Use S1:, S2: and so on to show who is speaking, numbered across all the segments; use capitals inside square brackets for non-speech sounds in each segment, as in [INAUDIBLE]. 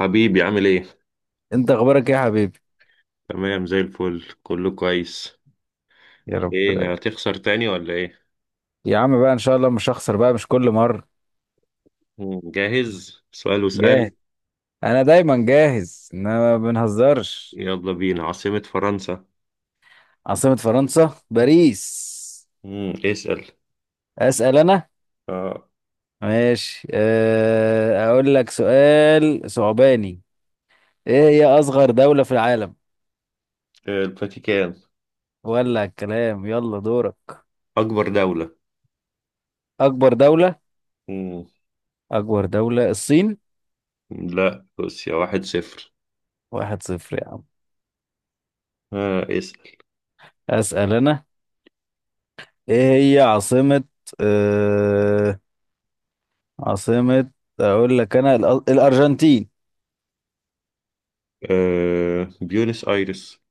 S1: حبيبي عامل ايه؟
S2: انت اخبارك ايه يا حبيبي؟
S1: تمام زي الفل كله كويس.
S2: يا رب
S1: ايه
S2: دايما.
S1: هتخسر تاني ولا ايه؟
S2: يا عم بقى ان شاء الله مش هخسر بقى، مش كل مره.
S1: جاهز؟ سؤال وسؤال.
S2: جاهز. انا دايما جاهز إن انا ما بنهزرش.
S1: يلا بينا عاصمة فرنسا.
S2: عاصمة فرنسا باريس.
S1: مم. اسأل.
S2: اسال انا.
S1: اه
S2: ماشي، اقول لك سؤال صعباني. ايه هي اصغر دولة في العالم؟
S1: الفاتيكان.
S2: ولا الكلام. يلا دورك.
S1: أكبر دولة.
S2: اكبر دولة.
S1: مم.
S2: اكبر دولة الصين.
S1: لا روسيا 1-0.
S2: 1-0 يا عم.
S1: آه اسأل.
S2: اسال انا. ايه هي عاصمة أه عاصمة. اقول لك انا الارجنتين.
S1: بيونس آيرس.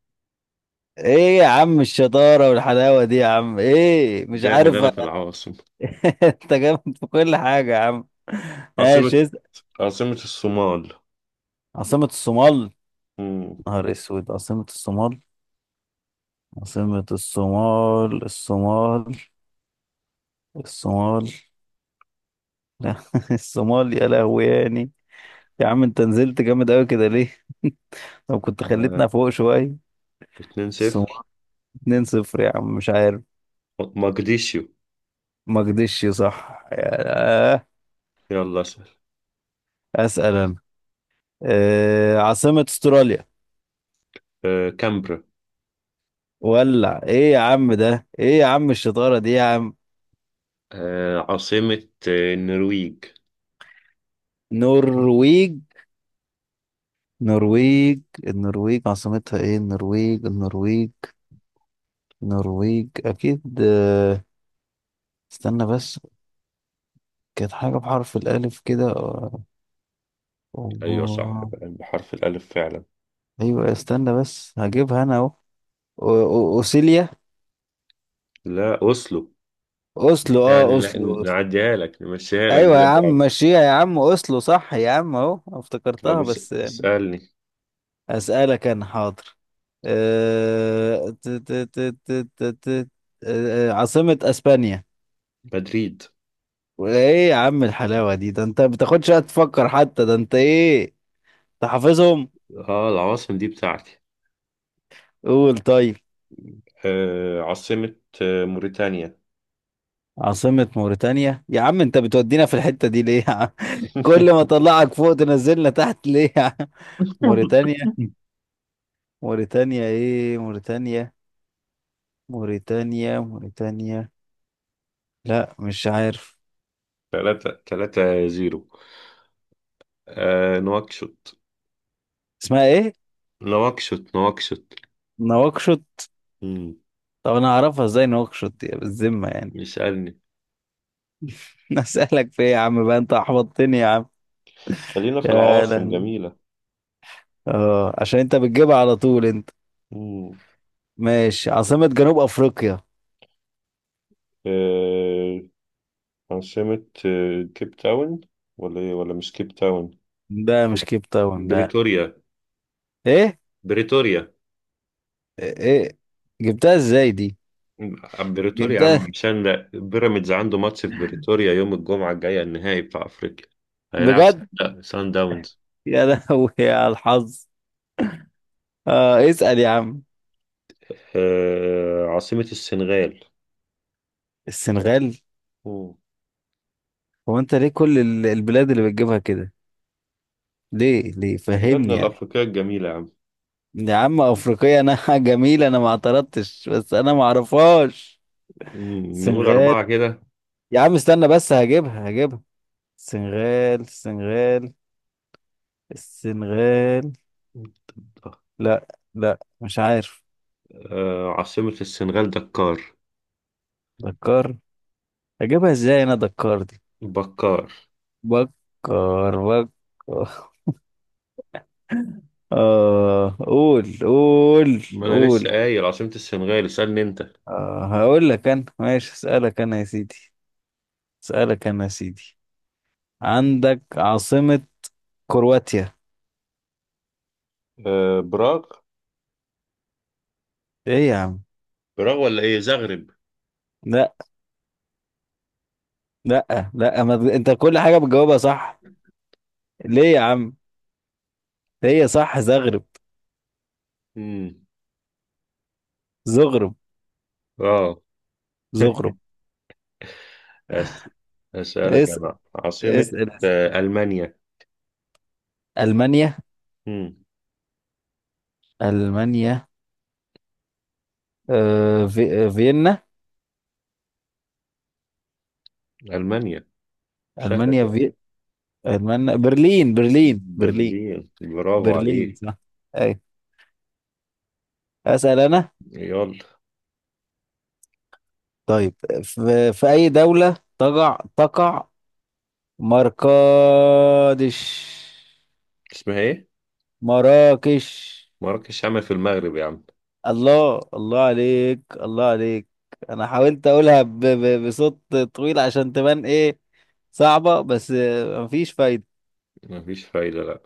S2: ايه يا عم الشطارة والحلاوة دي يا عم، ايه، مش
S1: جامد
S2: عارف.
S1: أنا في العواصم.
S2: [LAUGHS] انت جامد في كل حاجة يا عم.
S1: عاصمة.
S2: ماشي، اسأل.
S1: عاصمة الصومال.
S2: عاصمة الصومال.
S1: مم.
S2: نهار اسود، عاصمة الصومال. عاصمة الصومال، الصومال. الصومال. لا، [LAUGHS] الصومال يا لهوي يعني. يا عم انت نزلت جامد قوي كده ليه؟ [LAUGHS] طب كنت خليتنا
S1: آه.
S2: فوق شوية.
S1: اتنين
S2: الصومال.
S1: صفر
S2: 2-0 يا عم، مش عارف.
S1: مقديشيو.
S2: ما كدش صح آه.
S1: يلا اسأل.
S2: اسأل انا. عاصمة استراليا؟
S1: كامبرا.
S2: ولع، ايه يا عم ده، ايه يا عم الشطارة دي يا عم.
S1: آه عاصمة النرويج.
S2: نرويج، نرويج، النرويج عاصمتها ايه؟ النرويج، النرويج. النرويج اكيد. استنى بس. كانت حاجة بحرف الالف كده.
S1: أيوة صح
S2: آه،
S1: بحرف الألف فعلا.
S2: ايوه، استنى بس، هجيبها انا اهو أو- اوسيليا.
S1: لا أوسلو.
S2: اوسلو،
S1: يعني
S2: اوسلو، أوسلو.
S1: نعديها لك نمشيها لك
S2: ايوه يا
S1: زي بعض.
S2: عم مشيها يا عم، اوسلو صح يا عم، اهو افتكرتها
S1: بس
S2: بس.
S1: اسألني.
S2: أسألك أنا، حاضر. أه... ت- ت- ت- ت- ت- ت- عاصمة أسبانيا؟
S1: مدريد.
S2: وإيه يا عم الحلاوة دي، ده أنت ما بتاخدش وقت تفكر حتى، ده أنت إيه؟ أنت حافظهم.
S1: اه العواصم دي بتاعتي.
S2: قول، طيب.
S1: آه عاصمة موريتانيا.
S2: عاصمة موريتانيا يا عم، أنت بتودينا في الحتة دي ليه يا عم؟ [LAUGHS] كل ما
S1: [LAUGHS]
S2: أطلعك فوق تنزلنا تحت ليه يا عم؟ موريتانيا. موريتانيا إيه، موريتانيا. موريتانيا، موريتانيا. لا، مش عارف.
S1: تلاتة تلاتة زيرو. نواكشوط.
S2: اسمها إيه؟
S1: نواكشوط. نواكشوط.
S2: نواكشوط.
S1: مم،
S2: طب انا اعرفها ازاي نوكشوت، يا بالذمه يعني.
S1: اسألني.
S2: [LAUGHS] اسالك في ايه يا عم بقى، انت احبطتني يا عم.
S1: خلينا في
S2: يا
S1: العواصم
S2: لهوي.
S1: جميلة.
S2: اه، عشان انت بتجيبها على طول انت.
S1: مم.
S2: ماشي، عاصمة جنوب افريقيا؟
S1: آه عاصمة كيب تاون. ولا ايه ولا مش كيب تاون؟
S2: ده مش كيب تاون ده.
S1: بريتوريا.
S2: ايه؟
S1: بريتوريا.
S2: ايه؟ جبتها ازاي دي؟
S1: بريتوريا يا
S2: جبتها.
S1: عم عشان لا بيراميدز عنده ماتش في بريتوريا يوم الجمعة الجاية النهائي بتاع أفريقيا. هيلعب.
S2: بجد؟
S1: سان داونز.
S2: يا لهوي يا الحظ. اه، اسال يا عم.
S1: عاصمة السنغال.
S2: السنغال.
S1: مم.
S2: هو انت ليه كل البلاد اللي بتجيبها كده؟ ليه، ليه،
S1: بلادنا
S2: فهمني يعني.
S1: الأفريقية الجميلة يا عم.
S2: يا عم افريقيا انا، [LAUGHS] جميل، انا ما اعترضتش بس انا ما اعرفهاش.
S1: نقول
S2: سنغال.
S1: أربعة كده.
S2: يا عم استنى بس هجيبها، هجيبها. سنغال، سنغال. السنغال. لا. لا، مش عارف.
S1: عاصمة السنغال دكار.
S2: دكار. هجيبها ازاي انا دكار دي؟
S1: بكار.
S2: بكر، بكر. اه، قول، قول،
S1: ما أنا لسه
S2: قول.
S1: قايل عاصمة السنغال. اسألني أنت.
S2: هقول لك انا ماشي، اسالك انا يا سيدي. اسالك انا يا سيدي. عندك عاصمة. كرواتيا.
S1: براغ.
S2: ايه يا عم؟
S1: براغ ولا إيه زغرب؟
S2: لا لا لا، ما... انت كل حاجة بتجاوبها صح. ليه يا عم؟ هي صح زغرب.
S1: امم.
S2: زغرب.
S1: اه.
S2: زغرب.
S1: أس... اسالك
S2: اسأل،
S1: انا عاصمة.
S2: اسأل، اسأل.
S1: المانيا.
S2: ألمانيا.
S1: امم.
S2: ألمانيا. آه في... آه، فيينا.
S1: المانيا. سهلة
S2: ألمانيا
S1: دي أوي.
S2: في. ألمانيا برلين، برلين، برلين.
S1: برلين برافو
S2: برلين
S1: عليك.
S2: صح. أي. أسأل أنا.
S1: يلا.
S2: طيب. في أي دولة تقع تقع مراكش؟
S1: اسمها ايه؟
S2: مراكش.
S1: مراكش عمل في المغرب يا عم.
S2: الله الله عليك، الله عليك. أنا حاولت أقولها بصوت طويل عشان تبان إيه؟ صعبة بس، مفيش فايدة.
S1: مفيش فايدة لا.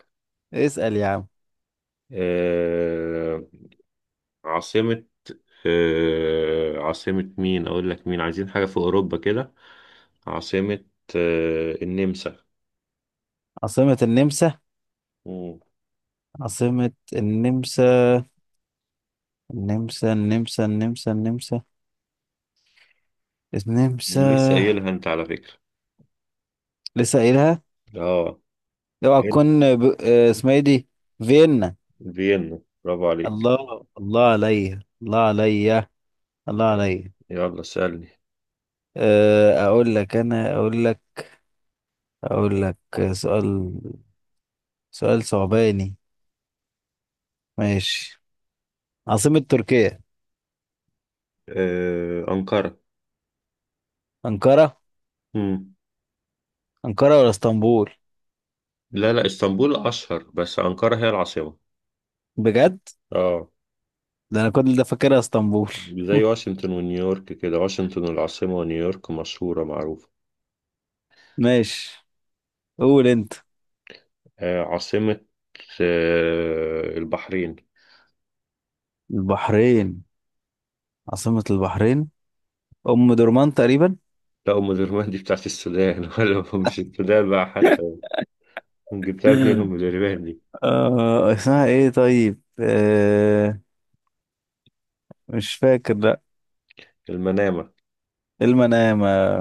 S2: اسأل يا عم.
S1: آه... عاصمة. عاصمة مين اقول لك مين عايزين حاجة في اوروبا كده. عاصمة النمسا.
S2: عاصمة النمسا؟
S1: امم.
S2: عاصمة النمسا. النمسا، النمسا، النمسا، النمسا. النمسا.
S1: لسه قايلها انت على فكرة.
S2: لسه قايلها.
S1: اه.
S2: اوعى
S1: فين؟
S2: تكون ب... آه، اسمها ايه دي؟ فيينا.
S1: فيينا برافو عليك.
S2: الله الله عليا، الله عليا. الله عليا.
S1: يلا سألني.
S2: اقول لك انا، اقول لك. اقول لك. سؤال. سؤال صعباني. ماشي. عاصمة تركيا؟
S1: أنقرة.
S2: أنقرة.
S1: مم.
S2: أنقرة ولا اسطنبول؟
S1: لا لا اسطنبول أشهر بس أنقرة هي العاصمة.
S2: بجد؟
S1: اه.
S2: ده انا كل ده فاكرها اسطنبول.
S1: زي واشنطن ونيويورك كده. واشنطن العاصمة ونيويورك مشهورة معروفة.
S2: ماشي. قول انت.
S1: آه عاصمة البحرين.
S2: البحرين. عاصمة البحرين. أم درمان تقريبا.
S1: لا أم درمان دي بتاعت السودان [LAUGHS] ولا مش السودان بقى حتى. جبتها منين
S2: [LAUGHS]
S1: أم درمان دي؟
S2: اسمها إيه طيب. مش فاكر، لأ.
S1: المنامة.
S2: إيه، المنامة؟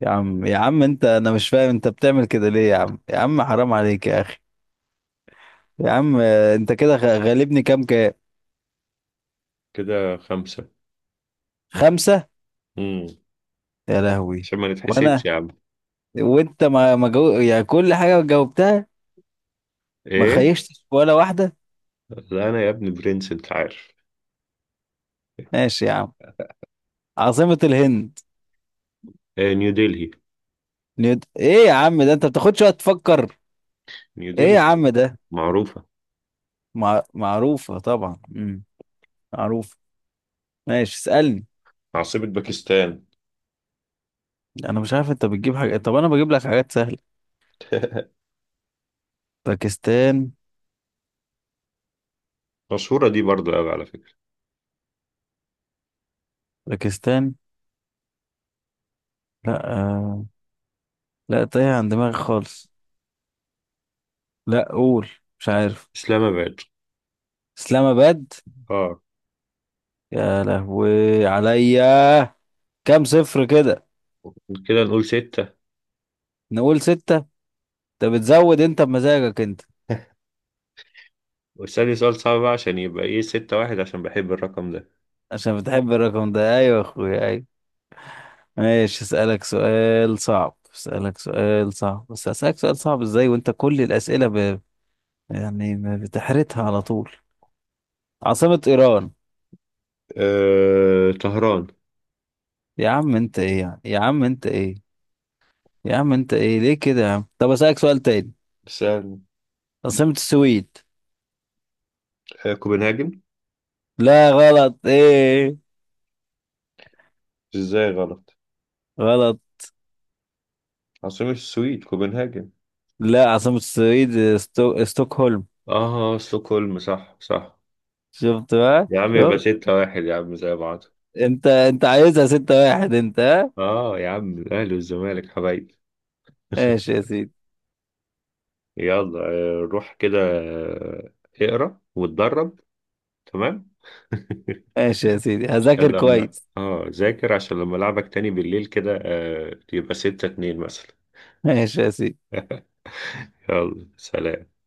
S2: يا عم يا عم أنا مش فاهم، أنت بتعمل كده ليه يا عم يا عم؟ حرام عليك يا أخي. يا عم أنت كده غالبني كام كام؟
S1: كده خمسة.
S2: خمسة.
S1: مم.
S2: يا لهوي.
S1: عشان ما نتحسدش
S2: وأنا.
S1: يا عم.
S2: وأنت ما ما جو... يعني، كل حاجة جاوبتها. ما
S1: ايه.
S2: خيشتش ولا واحدة.
S1: لا أنا يا ابني برنس أنت عارف.
S2: ماشي يا عم. عاصمة الهند؟
S1: نيودلهي.
S2: إيه يا عم ده، أنت بتاخدش وقت تفكر؟ إيه يا
S1: نيودلهي
S2: عم ده؟
S1: معروفة.
S2: معروفة طبعا. مم. معروفة. ماشي، اسألني.
S1: عاصمة باكستان.
S2: انا مش عارف انت بتجيب حاجة، طب انا بجيب لك حاجات سهلة.
S1: [LAUGHS]
S2: باكستان.
S1: مشهورة دي برضو أوي على فكرة.
S2: باكستان. لا. لا تايه عن دماغي خالص. لا، قول. مش عارف.
S1: إسلام آباد.
S2: اسلام اباد.
S1: اه.
S2: يا لهوي عليا. كام صفر كده؟
S1: كده نقول ستة.
S2: نقول ستة. انت بتزود، انت بمزاجك انت.
S1: واسألني سؤال صعب بقى عشان يبقى إيه 6-1 عشان بحب الرقم ده.
S2: عشان بتحب الرقم ده، ايوه يا اخويا، ايوه. ماشي، اسألك سؤال صعب، اسألك سؤال صعب، بس اسألك سؤال صعب ازاي وانت كل الأسئلة يعني ما بتحرتها على طول. عاصمة إيران؟
S1: طهران.
S2: يا عم أنت إيه يعني، يا عم أنت إيه؟ يا عم أنت إيه، ليه كده يا عم، طب أسألك سؤال تاني.
S1: سأل.
S2: عاصمة السويد؟
S1: كوبنهاجن.
S2: لا، غلط إيه؟
S1: إزاي غلط؟
S2: غلط.
S1: عاصمة السويد كوبنهاجن.
S2: لا، عاصمة السويد ستوكهولم.
S1: آه ستوكهولم صح صح.
S2: شفت بقى،
S1: يا عم يبقى [LAUGHS]
S2: شفت.
S1: 6-1 يا عم زي بعض.
S2: أنت عايزها 6-1 أنت، ها؟
S1: آه يا عم الأهلي والزمالك حبايبي. [LAUGHS]
S2: ماشي يا سيدي.
S1: يلا روح كده اقرا واتدرب. تمام. [LAUGHS]
S2: ماشي يا سيدي، هذاكر
S1: لما
S2: كويس.
S1: ذاكر عشان لما العبك تاني بالليل كده تبقى 6-2 مثلا.
S2: ماشي يا سيدي.
S1: [LAUGHS] يلا سلام.